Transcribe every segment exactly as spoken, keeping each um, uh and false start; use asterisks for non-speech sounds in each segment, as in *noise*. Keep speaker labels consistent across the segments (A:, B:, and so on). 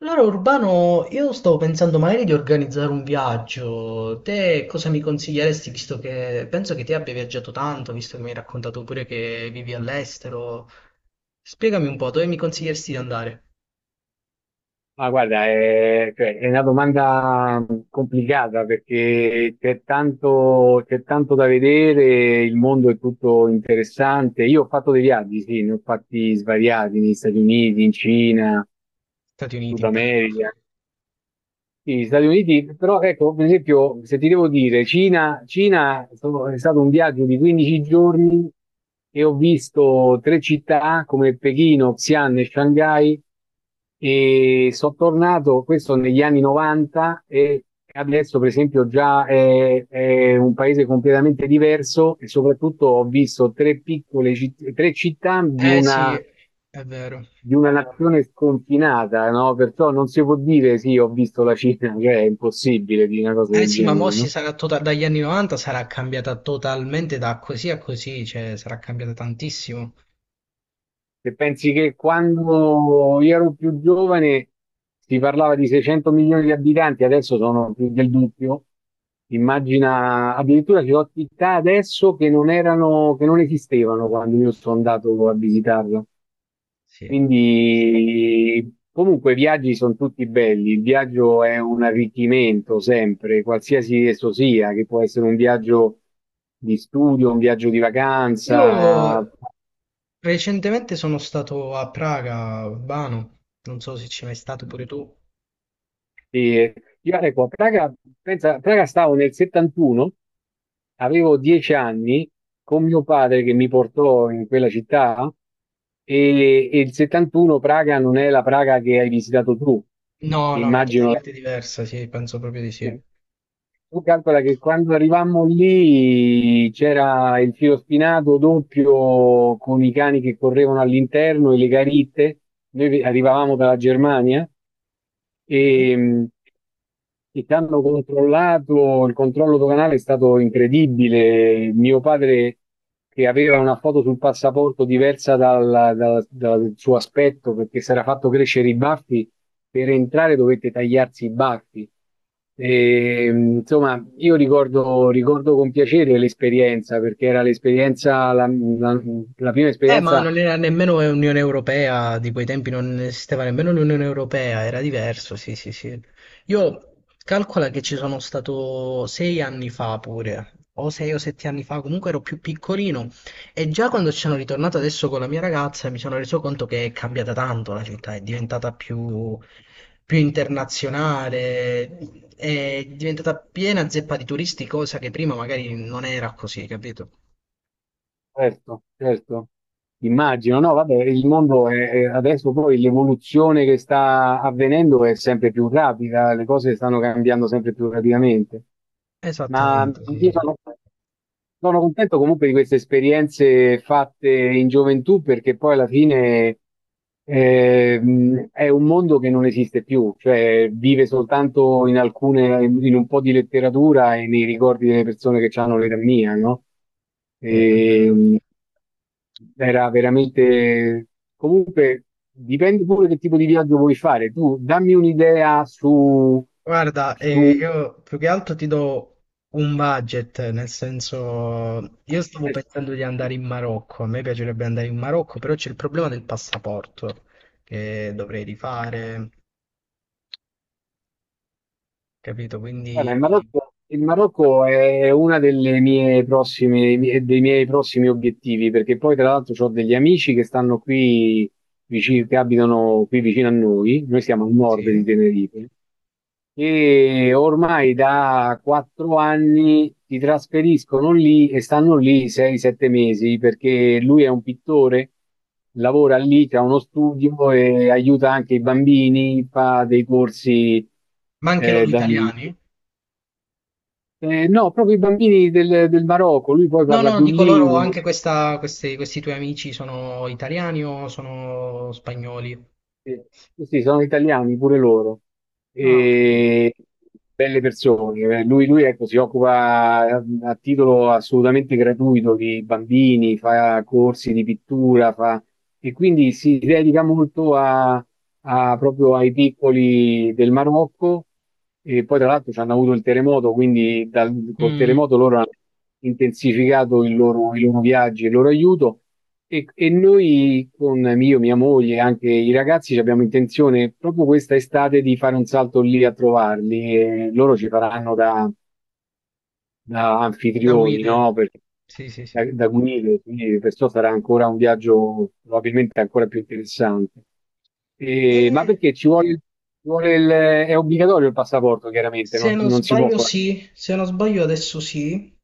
A: Allora Urbano, io stavo pensando magari di organizzare un viaggio. Te cosa mi consiglieresti, visto che penso che ti abbia viaggiato tanto, visto che mi hai raccontato pure che vivi all'estero? Spiegami un po', dove mi consiglieresti di andare?
B: Ma guarda, è, cioè, è una domanda mh, complicata perché c'è tanto, c'è tanto da vedere, il mondo è tutto interessante. Io ho fatto dei viaggi, sì, ne ho fatti svariati negli Stati Uniti, in Cina,
A: Stati
B: Sud
A: Uniti. Bello.
B: America. Gli Stati Uniti, però ecco, per esempio, se ti devo dire, Cina, Cina sono- è stato un viaggio di quindici giorni e ho visto tre città come Pechino, Xi'an e Shanghai, e sono tornato. Questo negli anni novanta. E adesso, per esempio, già è, è un paese completamente diverso, e soprattutto ho visto tre piccole citt- tre città di
A: Eh sì,
B: una
A: è vero.
B: di una nazione sconfinata, no? Perciò non si può dire sì, ho visto la Cina, *laughs* cioè è impossibile di una cosa
A: Eh
B: del
A: sì, ma mo
B: genere,
A: si
B: no?
A: sarà tota- dagli anni novanta sarà cambiata totalmente da così a così, cioè sarà cambiata tantissimo.
B: Se pensi che quando io ero più giovane si parlava di seicento milioni di abitanti, adesso sono più del doppio. Immagina, addirittura ci sono città adesso che non erano, che non esistevano quando io sono andato a visitarla.
A: Sì.
B: Quindi, comunque, i viaggi sono tutti belli. Il viaggio è un arricchimento sempre, qualsiasi esso sia, che può essere un viaggio di studio, un viaggio di vacanza.
A: Io recentemente sono stato a Praga, Urbano, non so se ci sei mai stato pure tu.
B: E io, ecco, a Praga, pensa, a Praga stavo nel settantuno, avevo dieci anni, con mio padre che mi portò in quella città. E, e il settantuno Praga non è la Praga che hai visitato tu,
A: No, no,
B: immagino.
A: totalmente diversa, sì, penso proprio di sì.
B: Tu calcola che quando arrivammo lì c'era il filo spinato doppio, con i cani che correvano all'interno, e le garitte. Noi vi- arrivavamo dalla Germania
A: Sì.
B: e, e ci hanno controllato, il controllo doganale è stato incredibile. Mio padre, che aveva una foto sul passaporto diversa dal, dal- dal suo aspetto perché si era fatto crescere i baffi, per entrare dovette tagliarsi i baffi. E, insomma, io ricordo, ricordo con piacere l'esperienza, perché era l'esperienza, la, la- la prima
A: Eh, ma
B: esperienza.
A: non era nemmeno Unione Europea, di quei tempi non esisteva nemmeno l'Unione Europea, era diverso, sì, sì, sì. Io calcola che ci sono stato sei anni fa pure, o sei o sette anni fa, comunque ero più piccolino, e già quando ci sono ritornato adesso con la mia ragazza mi sono reso conto che è cambiata tanto la città, è diventata più, più internazionale, è diventata piena zeppa di turisti, cosa che prima magari non era così, capito?
B: Certo, certo, immagino. No, vabbè, il mondo è, è- adesso poi l'evoluzione che sta avvenendo è sempre più rapida, le cose stanno cambiando sempre più rapidamente. Ma
A: Esattamente, sì,
B: io
A: sì.
B: sono... Sono contento comunque di queste esperienze fatte in gioventù, perché poi alla fine ehm, è un mondo che non esiste più, cioè vive soltanto in alcune, in un po' di letteratura e nei ricordi delle persone che hanno l'età mia, no?
A: Sì, è vero.
B: E, era veramente... Comunque dipende pure che tipo di viaggio vuoi fare. Tu dammi un'idea su...
A: Guarda, eh,
B: su...
A: io più che altro ti do un budget, nel senso, io stavo pensando di andare in Marocco, a me piacerebbe andare in Marocco, però c'è il problema del passaporto che dovrei rifare, capito?
B: Guarda,
A: Quindi
B: il Marocco, il Marocco è uno delle mie prossime, dei miei prossimi obiettivi, perché poi tra l'altro ho degli amici che stanno qui vicino, che abitano qui vicino a noi. Noi siamo a nord di
A: sì.
B: Tenerife, e ormai da quattro anni si trasferiscono lì e stanno lì sei sette mesi, perché lui è un pittore, lavora lì, ha uno studio e aiuta anche i bambini, fa dei corsi.
A: Ma anche
B: eh,
A: loro
B: da-
A: italiani?
B: Ehm, no, proprio i bambini del del Marocco, lui poi
A: No,
B: parla
A: no,
B: più
A: dico loro
B: lingue.
A: anche questa, questi, questi tuoi amici sono italiani o sono spagnoli?
B: Sì, sì, sì, sono italiani pure loro.
A: Ah, ho capito.
B: E belle persone. Eh, Lui, lui, ecco, si occupa a, a titolo assolutamente gratuito di bambini, fa corsi di pittura, fa... e quindi si dedica molto a, a- proprio ai piccoli del Marocco. E poi, tra l'altro, ci hanno avuto il terremoto, quindi dal- col
A: Mm,
B: terremoto loro hanno intensificato il loro- i loro viaggi e il loro aiuto. E, e noi, con io, mia moglie e anche i ragazzi, ci abbiamo intenzione proprio questa estate di fare un salto lì a trovarli. E loro ci faranno da, da
A: da
B: anfitrioni,
A: guide.
B: no? Per-
A: Sì, sì,
B: da,
A: sì.
B: da guide, quindi perciò sarà ancora un viaggio probabilmente ancora più interessante. E- ma
A: Eh,
B: perché ci vuole, ci vuole il, è obbligatorio il passaporto, chiaramente,
A: Se
B: non,
A: non
B: non si può
A: sbaglio
B: fare.
A: sì, se non sbaglio adesso sì,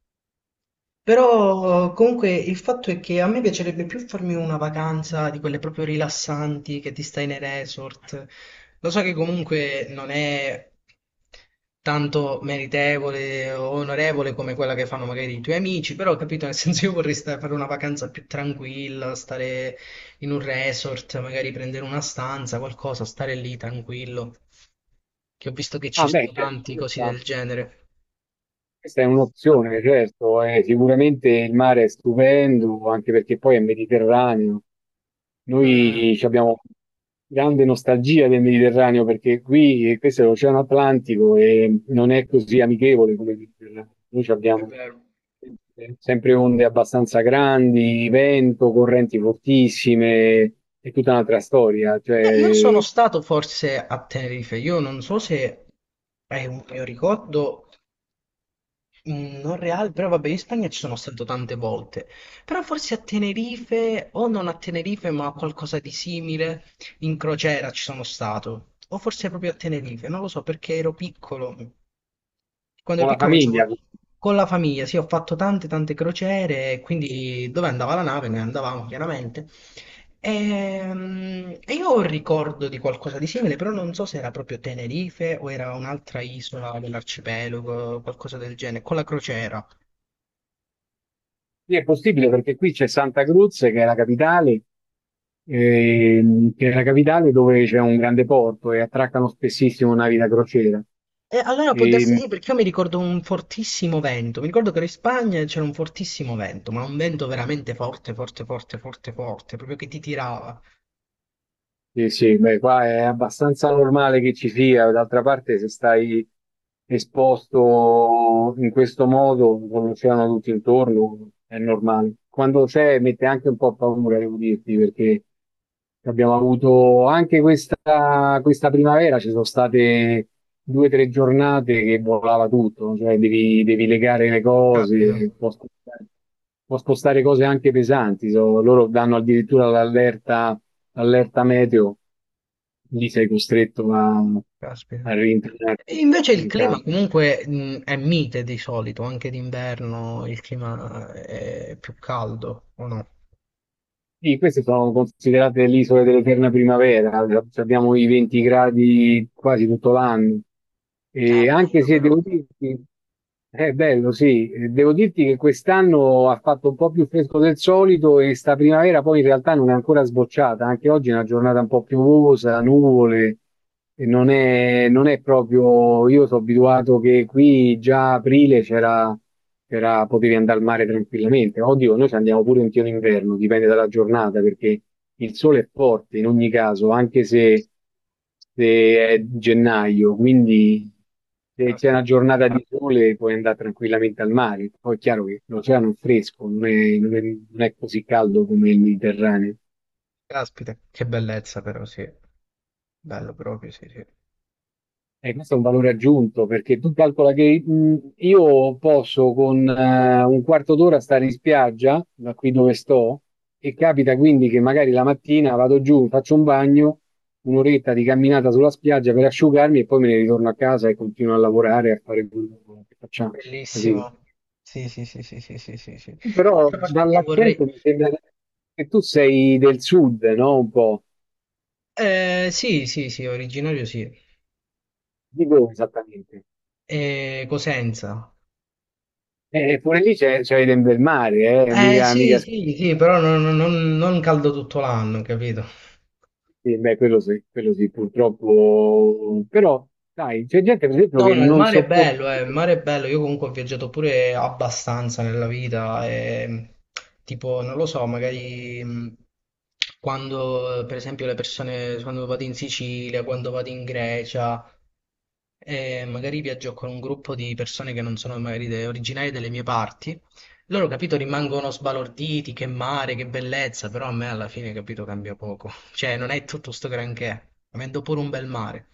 A: però comunque il fatto è che a me piacerebbe più farmi una vacanza di quelle proprio rilassanti che ti stai nei resort. Lo so che comunque non è tanto meritevole o onorevole come quella che fanno magari i tuoi amici, però capito, nel *laughs* senso io vorrei sta- fare una vacanza più tranquilla, stare in un resort, magari prendere una stanza, qualcosa, stare lì tranquillo, che ho visto che ci
B: Ah, beh,
A: sono
B: certo,
A: tanti così
B: questa-
A: del genere.
B: Questa è un'opzione, certo. Eh, sicuramente il mare è stupendo, anche perché poi è Mediterraneo.
A: Mh,
B: Noi ci abbiamo grande nostalgia del Mediterraneo, perché qui, eh, questo è l'Oceano Atlantico e non è così amichevole come il Mediterraneo. Noi ci
A: è
B: abbiamo
A: vero.
B: sempre sempre onde abbastanza grandi, vento, correnti fortissime. È tutta un'altra storia.
A: Eh, io sono
B: Cioè,
A: stato forse a Tenerife, io non so se è un mio ricordo mh, non reale, però vabbè, in Spagna ci sono stato tante volte, però forse a Tenerife, o non a Tenerife, ma a qualcosa di simile, in crociera ci sono stato, o forse proprio a Tenerife, non lo so perché ero piccolo, quando
B: con
A: ero
B: la
A: piccolo
B: famiglia,
A: facevo
B: qui
A: con la famiglia, sì, ho fatto tante tante crociere, e quindi dove andava la nave ne andavamo chiaramente. Ehm, E io ho un ricordo di qualcosa di simile, però non so se era proprio Tenerife o era un'altra isola dell'arcipelago, qualcosa del genere, con la crociera.
B: è possibile perché qui c'è Santa Cruz, che è la capitale, ehm, che è la capitale dove c'è un grande porto e attraccano spessissimo navi da crociera.
A: E allora può darsi
B: E,
A: sì, perché io mi ricordo un fortissimo vento. Mi ricordo che ero in Spagna e c'era un fortissimo vento, ma un vento veramente forte, forte, forte, forte, forte, proprio che ti tirava.
B: Sì, sì, beh, qua è abbastanza normale che ci sia; d'altra parte, se stai esposto in questo modo, con l'oceano tutto intorno, è normale. Quando c'è mette anche un po' paura, devo dirti, perché abbiamo avuto anche questa, questa primavera, ci sono state due o tre giornate che volava tutto, no? Cioè devi, devi legare le
A: Caspita,
B: cose, può spostare, può spostare cose anche pesanti. So- loro danno addirittura l'allerta, allerta meteo. Lì sei costretto a,
A: caspita.
B: a
A: E
B: rientrarti
A: invece il
B: in
A: clima
B: campo.
A: comunque mh, è mite di solito, anche d'inverno il clima è più caldo, o no?
B: Sì, queste sono considerate le isole dell'eterna primavera, abbiamo i venti gradi quasi tutto l'anno.
A: È
B: E anche
A: bello
B: se
A: però.
B: devo dirti, È bello, sì. Eh, devo dirti che quest'anno ha fatto un po' più fresco del solito, e sta primavera poi in realtà non è ancora sbocciata, anche oggi è una giornata un po' piovosa, nuvole. E non è, non è proprio, io sono abituato che qui già a aprile c'era, c'era- potevi andare al mare tranquillamente. Oddio, noi ci andiamo pure in pieno inverno, dipende dalla giornata, perché il sole è forte in ogni caso, anche se, se è gennaio, quindi se c'è una
A: Caspita,
B: giornata di sole puoi andare tranquillamente al mare. Poi è chiaro che l'oceano è fresco, non è, non è- non è così caldo come il Mediterraneo.
A: caspita, che bellezza però, sì. Bello proprio, sì, sì.
B: E questo è un valore aggiunto, perché tu calcola che mh, io posso con eh, un quarto d'ora stare in spiaggia, da qui dove sto, e capita quindi che magari la mattina vado giù, faccio un bagno, un'oretta di camminata sulla spiaggia per asciugarmi, e poi me ne ritorno a casa e continuo a lavorare, a fare quello che facciamo, capito?
A: Bellissimo. Sì, sì, sì, sì, sì, sì, sì, sì.
B: Però
A: L'altra parte che vorrei...
B: dall'accento mi sembra che tu sei del sud, no? Un po'.
A: Eh, sì, sì, sì, originario sì.
B: Di dove esattamente?
A: Eh, Cosenza.
B: Eh, pure lì c'è, c'è del bel mare, eh?
A: Eh,
B: Mica,
A: sì,
B: mica...
A: sì, sì, però non, non- non caldo tutto l'anno, capito?
B: Sì, beh, quello sì, quello sì, purtroppo. Però, dai, c'è gente, per esempio,
A: No,
B: che
A: no, il
B: non
A: mare è
B: sopporta.
A: bello, eh, il mare è bello. Io comunque ho viaggiato pure abbastanza nella vita. E, tipo, non lo so, magari mh, quando, eh, per esempio, le persone, quando vado in Sicilia, quando vado in Grecia, eh, magari viaggio con un gruppo di persone che non sono magari de- originarie delle mie parti. Loro, capito, rimangono sbalorditi, che mare, che bellezza, però a me alla fine, capito, cambia poco. Cioè, non è tutto sto granché, avendo pure un bel mare.